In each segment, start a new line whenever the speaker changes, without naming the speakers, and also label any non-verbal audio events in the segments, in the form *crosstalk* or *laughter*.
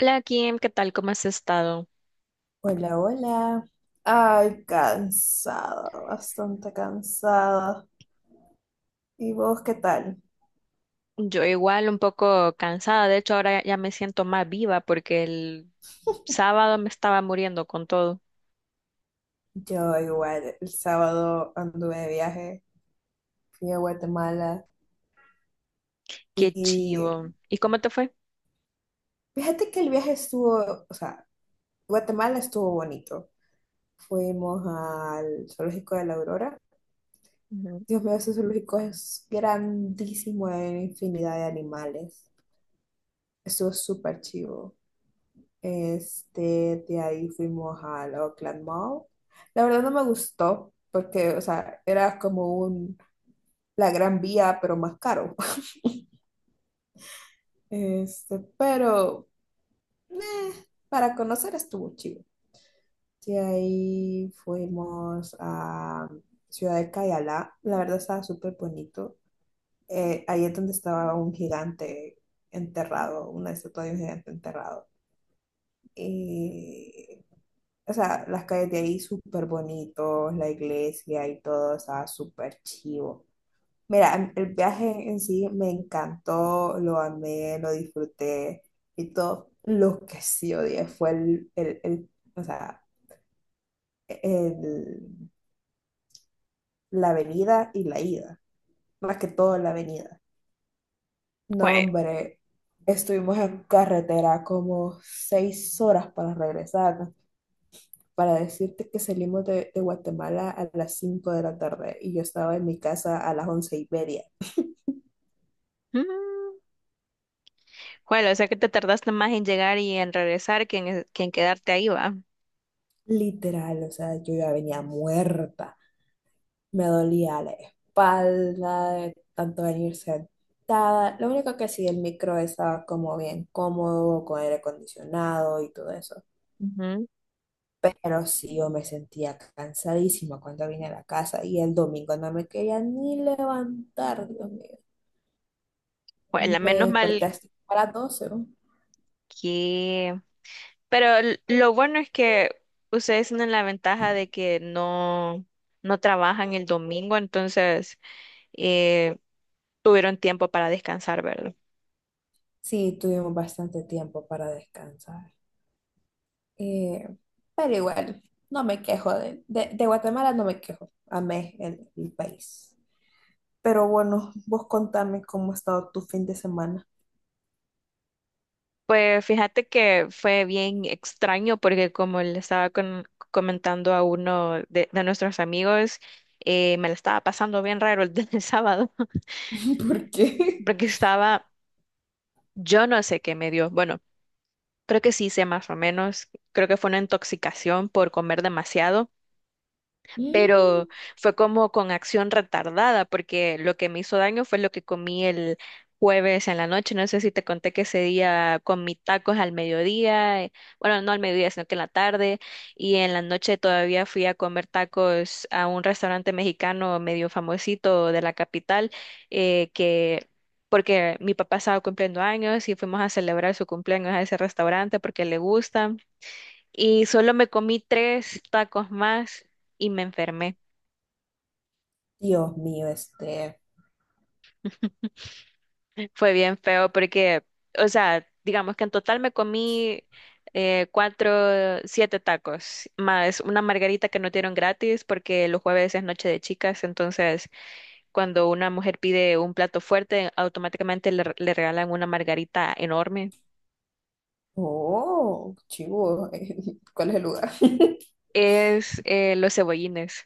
Hola Kim, ¿qué tal? ¿Cómo has estado?
Hola, hola. Ay, cansada, bastante cansada. ¿Y vos qué tal?
Yo igual un poco cansada, de hecho ahora ya me siento más viva porque el sábado me estaba muriendo con todo.
Yo igual, el sábado anduve de viaje, fui a Guatemala
Qué
y
chivo. ¿Y cómo te fue?
fíjate que el viaje estuvo, o sea, Guatemala estuvo bonito. Fuimos al zoológico de la Aurora.
Ujú.
Dios mío, ese zoológico es grandísimo, hay infinidad de animales. Estuvo súper chivo. De ahí fuimos al Oakland Mall. La verdad no me gustó porque, o sea, era como la Gran Vía, pero más caro. *laughs* Pero eh, para conocer estuvo chido. De ahí fuimos a Ciudad de Cayalá. La verdad estaba súper bonito. Ahí es donde estaba un gigante enterrado, una estatua de un gigante enterrado. Y O sea, las calles de ahí súper bonitos, la iglesia y todo, estaba súper chivo. Mira, el viaje en sí me encantó, lo amé, lo disfruté y todo. Lo que sí odié fue o sea, el- la venida y la ida, más que todo la venida. No,
Jue-
hombre, estuvimos en carretera como 6 horas para regresar, ¿no? Para decirte que salimos de Guatemala a las 5 de la tarde y yo estaba en mi casa a las 11 y media.
Mm. Bueno, o sea que te tardaste más en llegar y en regresar que que en quedarte ahí, va.
Literal, o sea, yo ya venía muerta, me dolía la espalda, de tanto venir sentada. Lo único que sí, el micro estaba como bien cómodo, con aire acondicionado y todo eso.
Ujú.
Pero sí, yo me sentía cansadísima cuando vine a la casa y el domingo no me quería ni levantar, Dios mío.
Bueno,
Me
menos
desperté
mal
hasta a las 12.
que... Pero lo bueno es que ustedes tienen la ventaja de que no trabajan el domingo, entonces eh, tuvieron tiempo para descansar, ¿verdad?
Sí, tuvimos bastante tiempo para descansar. Eh, pero igual, no me quejo de Guatemala, no me quejo. Amé el país. Pero bueno, vos contame cómo ha estado tu fin de semana.
Pues fíjate que fue bien extraño porque como le estaba comentando a uno de nuestros amigos, me la estaba pasando bien raro el, *laughs* el sábado
*laughs* ¿Por qué?
porque estaba, yo no sé qué me dio, bueno, creo que sí sé más o menos, creo que fue una intoxicación por comer demasiado. Pero
Mm.
fue como con acción retardada, porque lo que me hizo daño fue lo que comí el jueves en la noche. No sé si te conté que ese día comí tacos al mediodía, bueno, no al mediodía, sino que en la tarde, y en la noche todavía fui a comer tacos a un restaurante mexicano medio famosito de la capital, eh, que... porque mi papá estaba cumpliendo años y fuimos a celebrar su cumpleaños a ese restaurante porque le gusta. Y solo me comí tres tacos más y me enfermé.
Dios mío.
*laughs* Fue bien feo porque, o sea, digamos que en total me comí cuatro, siete tacos, más una margarita que no dieron gratis porque los jueves es noche de chicas, entonces cuando una mujer pide un plato fuerte, automáticamente le regalan una margarita enorme.
Oh, chivo. *laughs* ¿Cuál es el lugar? *laughs*
Es los cebollines.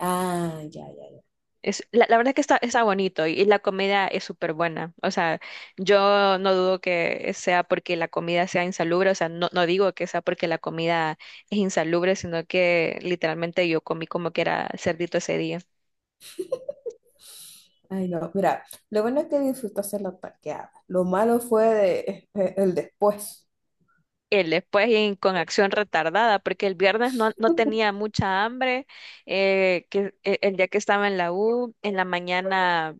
Ah, ya, ya, ya.
Es, la verdad que está bonito y la comida es súper buena. O sea, yo no dudo que sea porque la comida sea insalubre. O sea, no digo que sea porque la comida es insalubre, sino que literalmente yo comí como que era cerdito ese día.
Ay, no, mira, lo bueno es que disfrutaste la parqueada. Lo malo fue el después.
El después y con acción retardada, porque el viernes no tenía mucha hambre. El día que estaba en la U, en la mañana.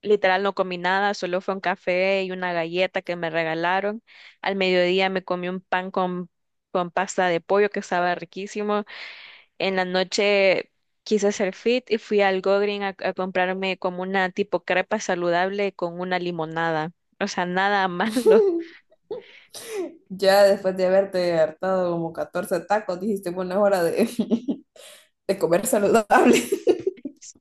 Literal no comí nada, solo fue un café y una galleta que me regalaron. Al mediodía me comí un pan con pasta de pollo que estaba riquísimo. En la noche quise hacer fit y fui al Gogreen a comprarme como una tipo crepa saludable con una limonada. O sea, nada *laughs* malo.
*laughs* Ya después de haberte hartado como 14 tacos, dijiste, bueno, es hora de, *laughs* de comer saludable. *laughs*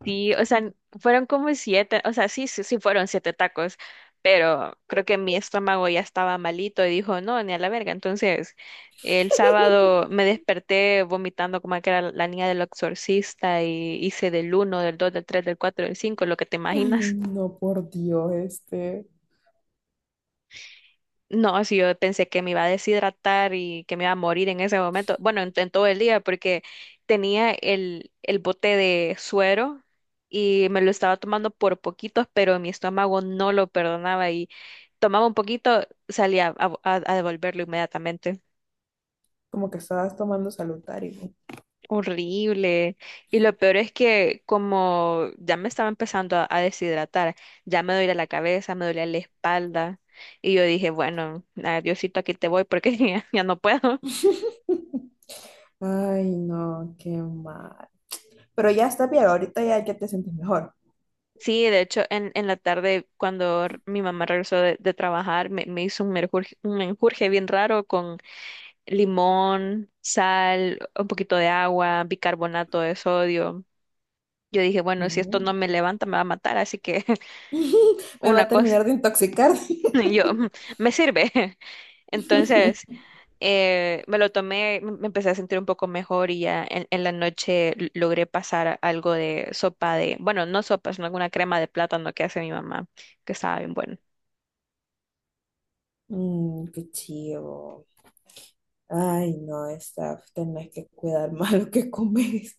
Sí, o sea, fueron como siete, o sea, sí fueron siete tacos, pero creo que mi estómago ya estaba malito y dijo, no, ni a la verga. Entonces, el sábado me desperté vomitando como que era la niña del exorcista y hice del uno, del dos, del tres, del cuatro, del cinco, lo que te
Ay,
imaginas.
no, por Dios.
No, si yo pensé que me iba a deshidratar y que me iba a morir en ese momento. Bueno, en todo el día, porque tenía el bote de suero y me lo estaba tomando por poquitos, pero mi estómago no lo perdonaba y tomaba un poquito, salía a devolverlo inmediatamente.
Como que estabas tomando salutario.
Horrible. Y lo peor es que como ya me estaba empezando a deshidratar, ya me dolía la cabeza, me dolía la espalda. Y yo dije, bueno, ah, Diosito, aquí te voy porque *laughs* ya no puedo.
*laughs* Ay, no, qué mal. Pero ya está bien, ahorita ya, ya te sientes mejor.
Sí, de hecho, en la tarde, cuando mi mamá regresó de trabajar, me hizo un menjurje bien raro con limón, sal, un poquito de agua, bicarbonato de sodio. Yo dije, bueno, si esto no
No.
me levanta, me va a matar, así que *laughs*
*laughs* Me va
una
a
cosa,
terminar de intoxicar.
*laughs* y yo, "Mm, me sirve". *laughs* Entonces,
*laughs*
me lo tomé, me empecé a sentir un poco mejor y ya en la noche logré pasar algo de sopa de, bueno, no sopa, sino alguna crema de plátano que hace mi mamá, que estaba bien buena.
Mm, qué chido. Ay, no, Steph, tenés que cuidar *laughs* más lo que comes.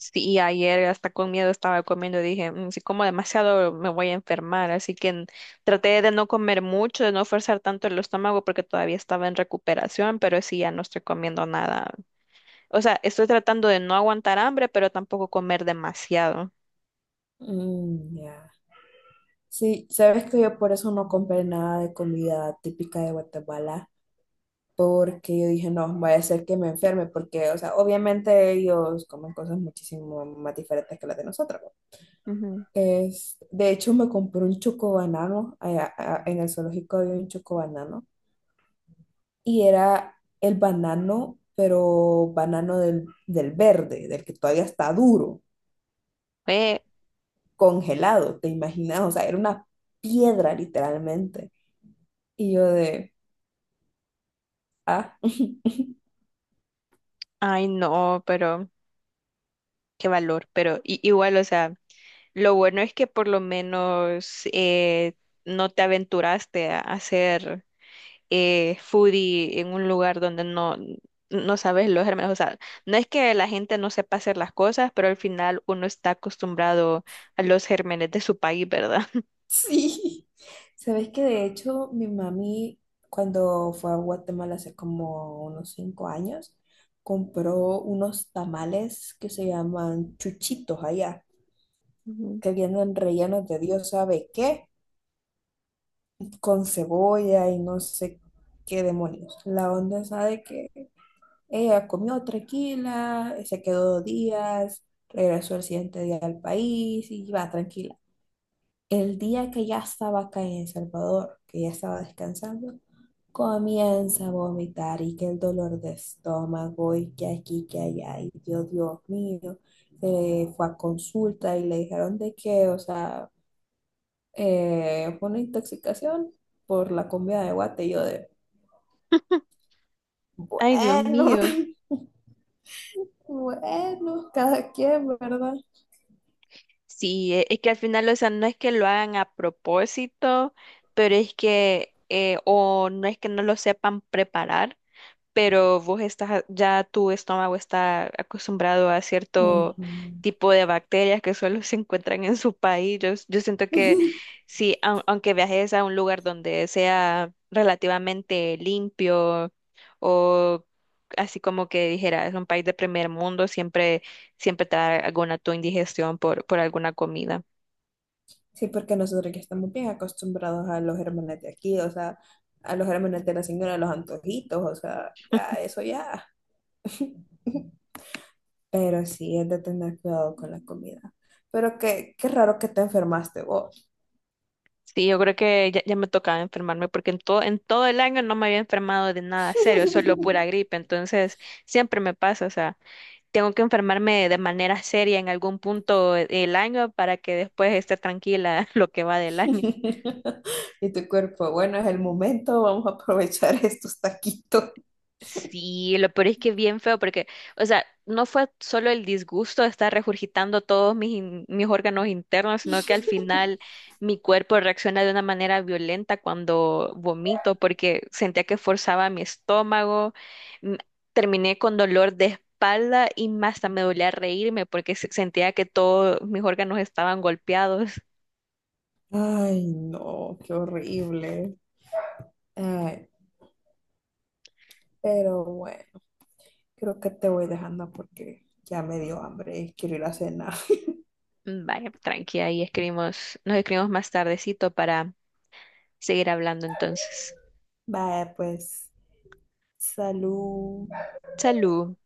Sí, y ayer hasta con miedo estaba comiendo, dije, "Mm, si como demasiado me voy a enfermar, así que traté de no comer mucho, de no forzar tanto el estómago porque todavía estaba en recuperación, pero sí ya no estoy comiendo nada. O sea, estoy tratando de no aguantar hambre, pero tampoco comer demasiado.
Mm, ya. Sí, sabes que yo por eso no compré nada de comida típica de Guatemala, porque yo dije, no, voy a hacer que me enferme, porque, o sea, obviamente ellos comen cosas muchísimo más diferentes que las de nosotros, ¿no?
Ujú.
Es, de hecho, me compré un chocobanano, allá, en el zoológico había un chocobanano, y era el banano, pero banano del verde, del que todavía está duro.
Eh,
Congelado, ¿te imaginas? O sea, era una piedra literalmente. Y yo de, ah, *laughs*
ay, no, pero qué valor, pero igual, o sea. Lo bueno es que por lo menos no te aventuraste a hacer foodie en un lugar donde no sabes los gérmenes. O sea, no es que la gente no sepa hacer las cosas, pero al final uno está acostumbrado a los gérmenes de su país, ¿verdad?
sí. Sabes que de hecho mi mami cuando fue a Guatemala hace como unos 5 años, compró unos tamales que se llaman chuchitos allá,
*laughs* Ujú.
que vienen rellenos de Dios sabe qué, con cebolla y no sé qué demonios. La onda es sabe que ella comió tranquila, se quedó 2 días, regresó el siguiente día al país y va tranquila. El día que ya estaba acá en El Salvador, que ya estaba descansando, comienza a vomitar y que el dolor de estómago y que aquí, que allá, y Dios, Dios mío, se fue a consulta y le dijeron de que, o sea, fue una intoxicación por la comida de guate y yo de,
Ay, Dios
bueno,
mío.
*laughs* bueno, cada quien, ¿verdad?
Sí, es que al final, o sea, no es que lo hagan a propósito, pero es que, o no es que no lo sepan preparar, pero vos estás, ya tu estómago está acostumbrado a cierto
Ujú.
tipo de bacterias que solo se encuentran en su país. Yo siento que
*laughs*
si, au- aunque viajes a un lugar donde sea relativamente limpio o así como que dijera, es un país de primer mundo, siempre te da alguna tu indigestión por alguna comida.
Sí, porque nosotros ya estamos bien acostumbrados a los gérmenes de aquí, o sea, a los gérmenes de la señora, de los antojitos, o sea, ya eso ya. *laughs* Pero sí, es de tener cuidado con la comida. Pero qué raro que te enfermaste vos.
Sí, yo creo que ya me tocaba enfermarme porque en todo el año no me había enfermado de nada serio, solo
*laughs*
pura gripe. Entonces, siempre me pasa, o sea, tengo que enfermarme de manera seria en algún punto el año para que después esté tranquila *laughs* lo que va del año.
Y tu cuerpo, bueno, es el momento, vamos a aprovechar *laughs* estos taquitos.
Sí, lo peor es que es bien feo porque, o sea, no fue solo el disgusto de estar regurgitando todos mis órganos internos, sino que al final mi cuerpo reacciona de una manera violenta cuando vomito porque sentía que forzaba mi estómago, m- terminé con dolor de espalda y hasta me dolía reírme porque sentía que todos mis órganos estaban golpeados.
Ay, no, qué horrible. Ay, pero bueno. Creo que te voy dejando porque ya me dio hambre y quiero ir a cenar. *laughs*
Mm, vaya, tranqui, ahí escribimos, nos escribimos más tardecito para seguir hablando entonces.
Vaya, pues, salud.
Salud.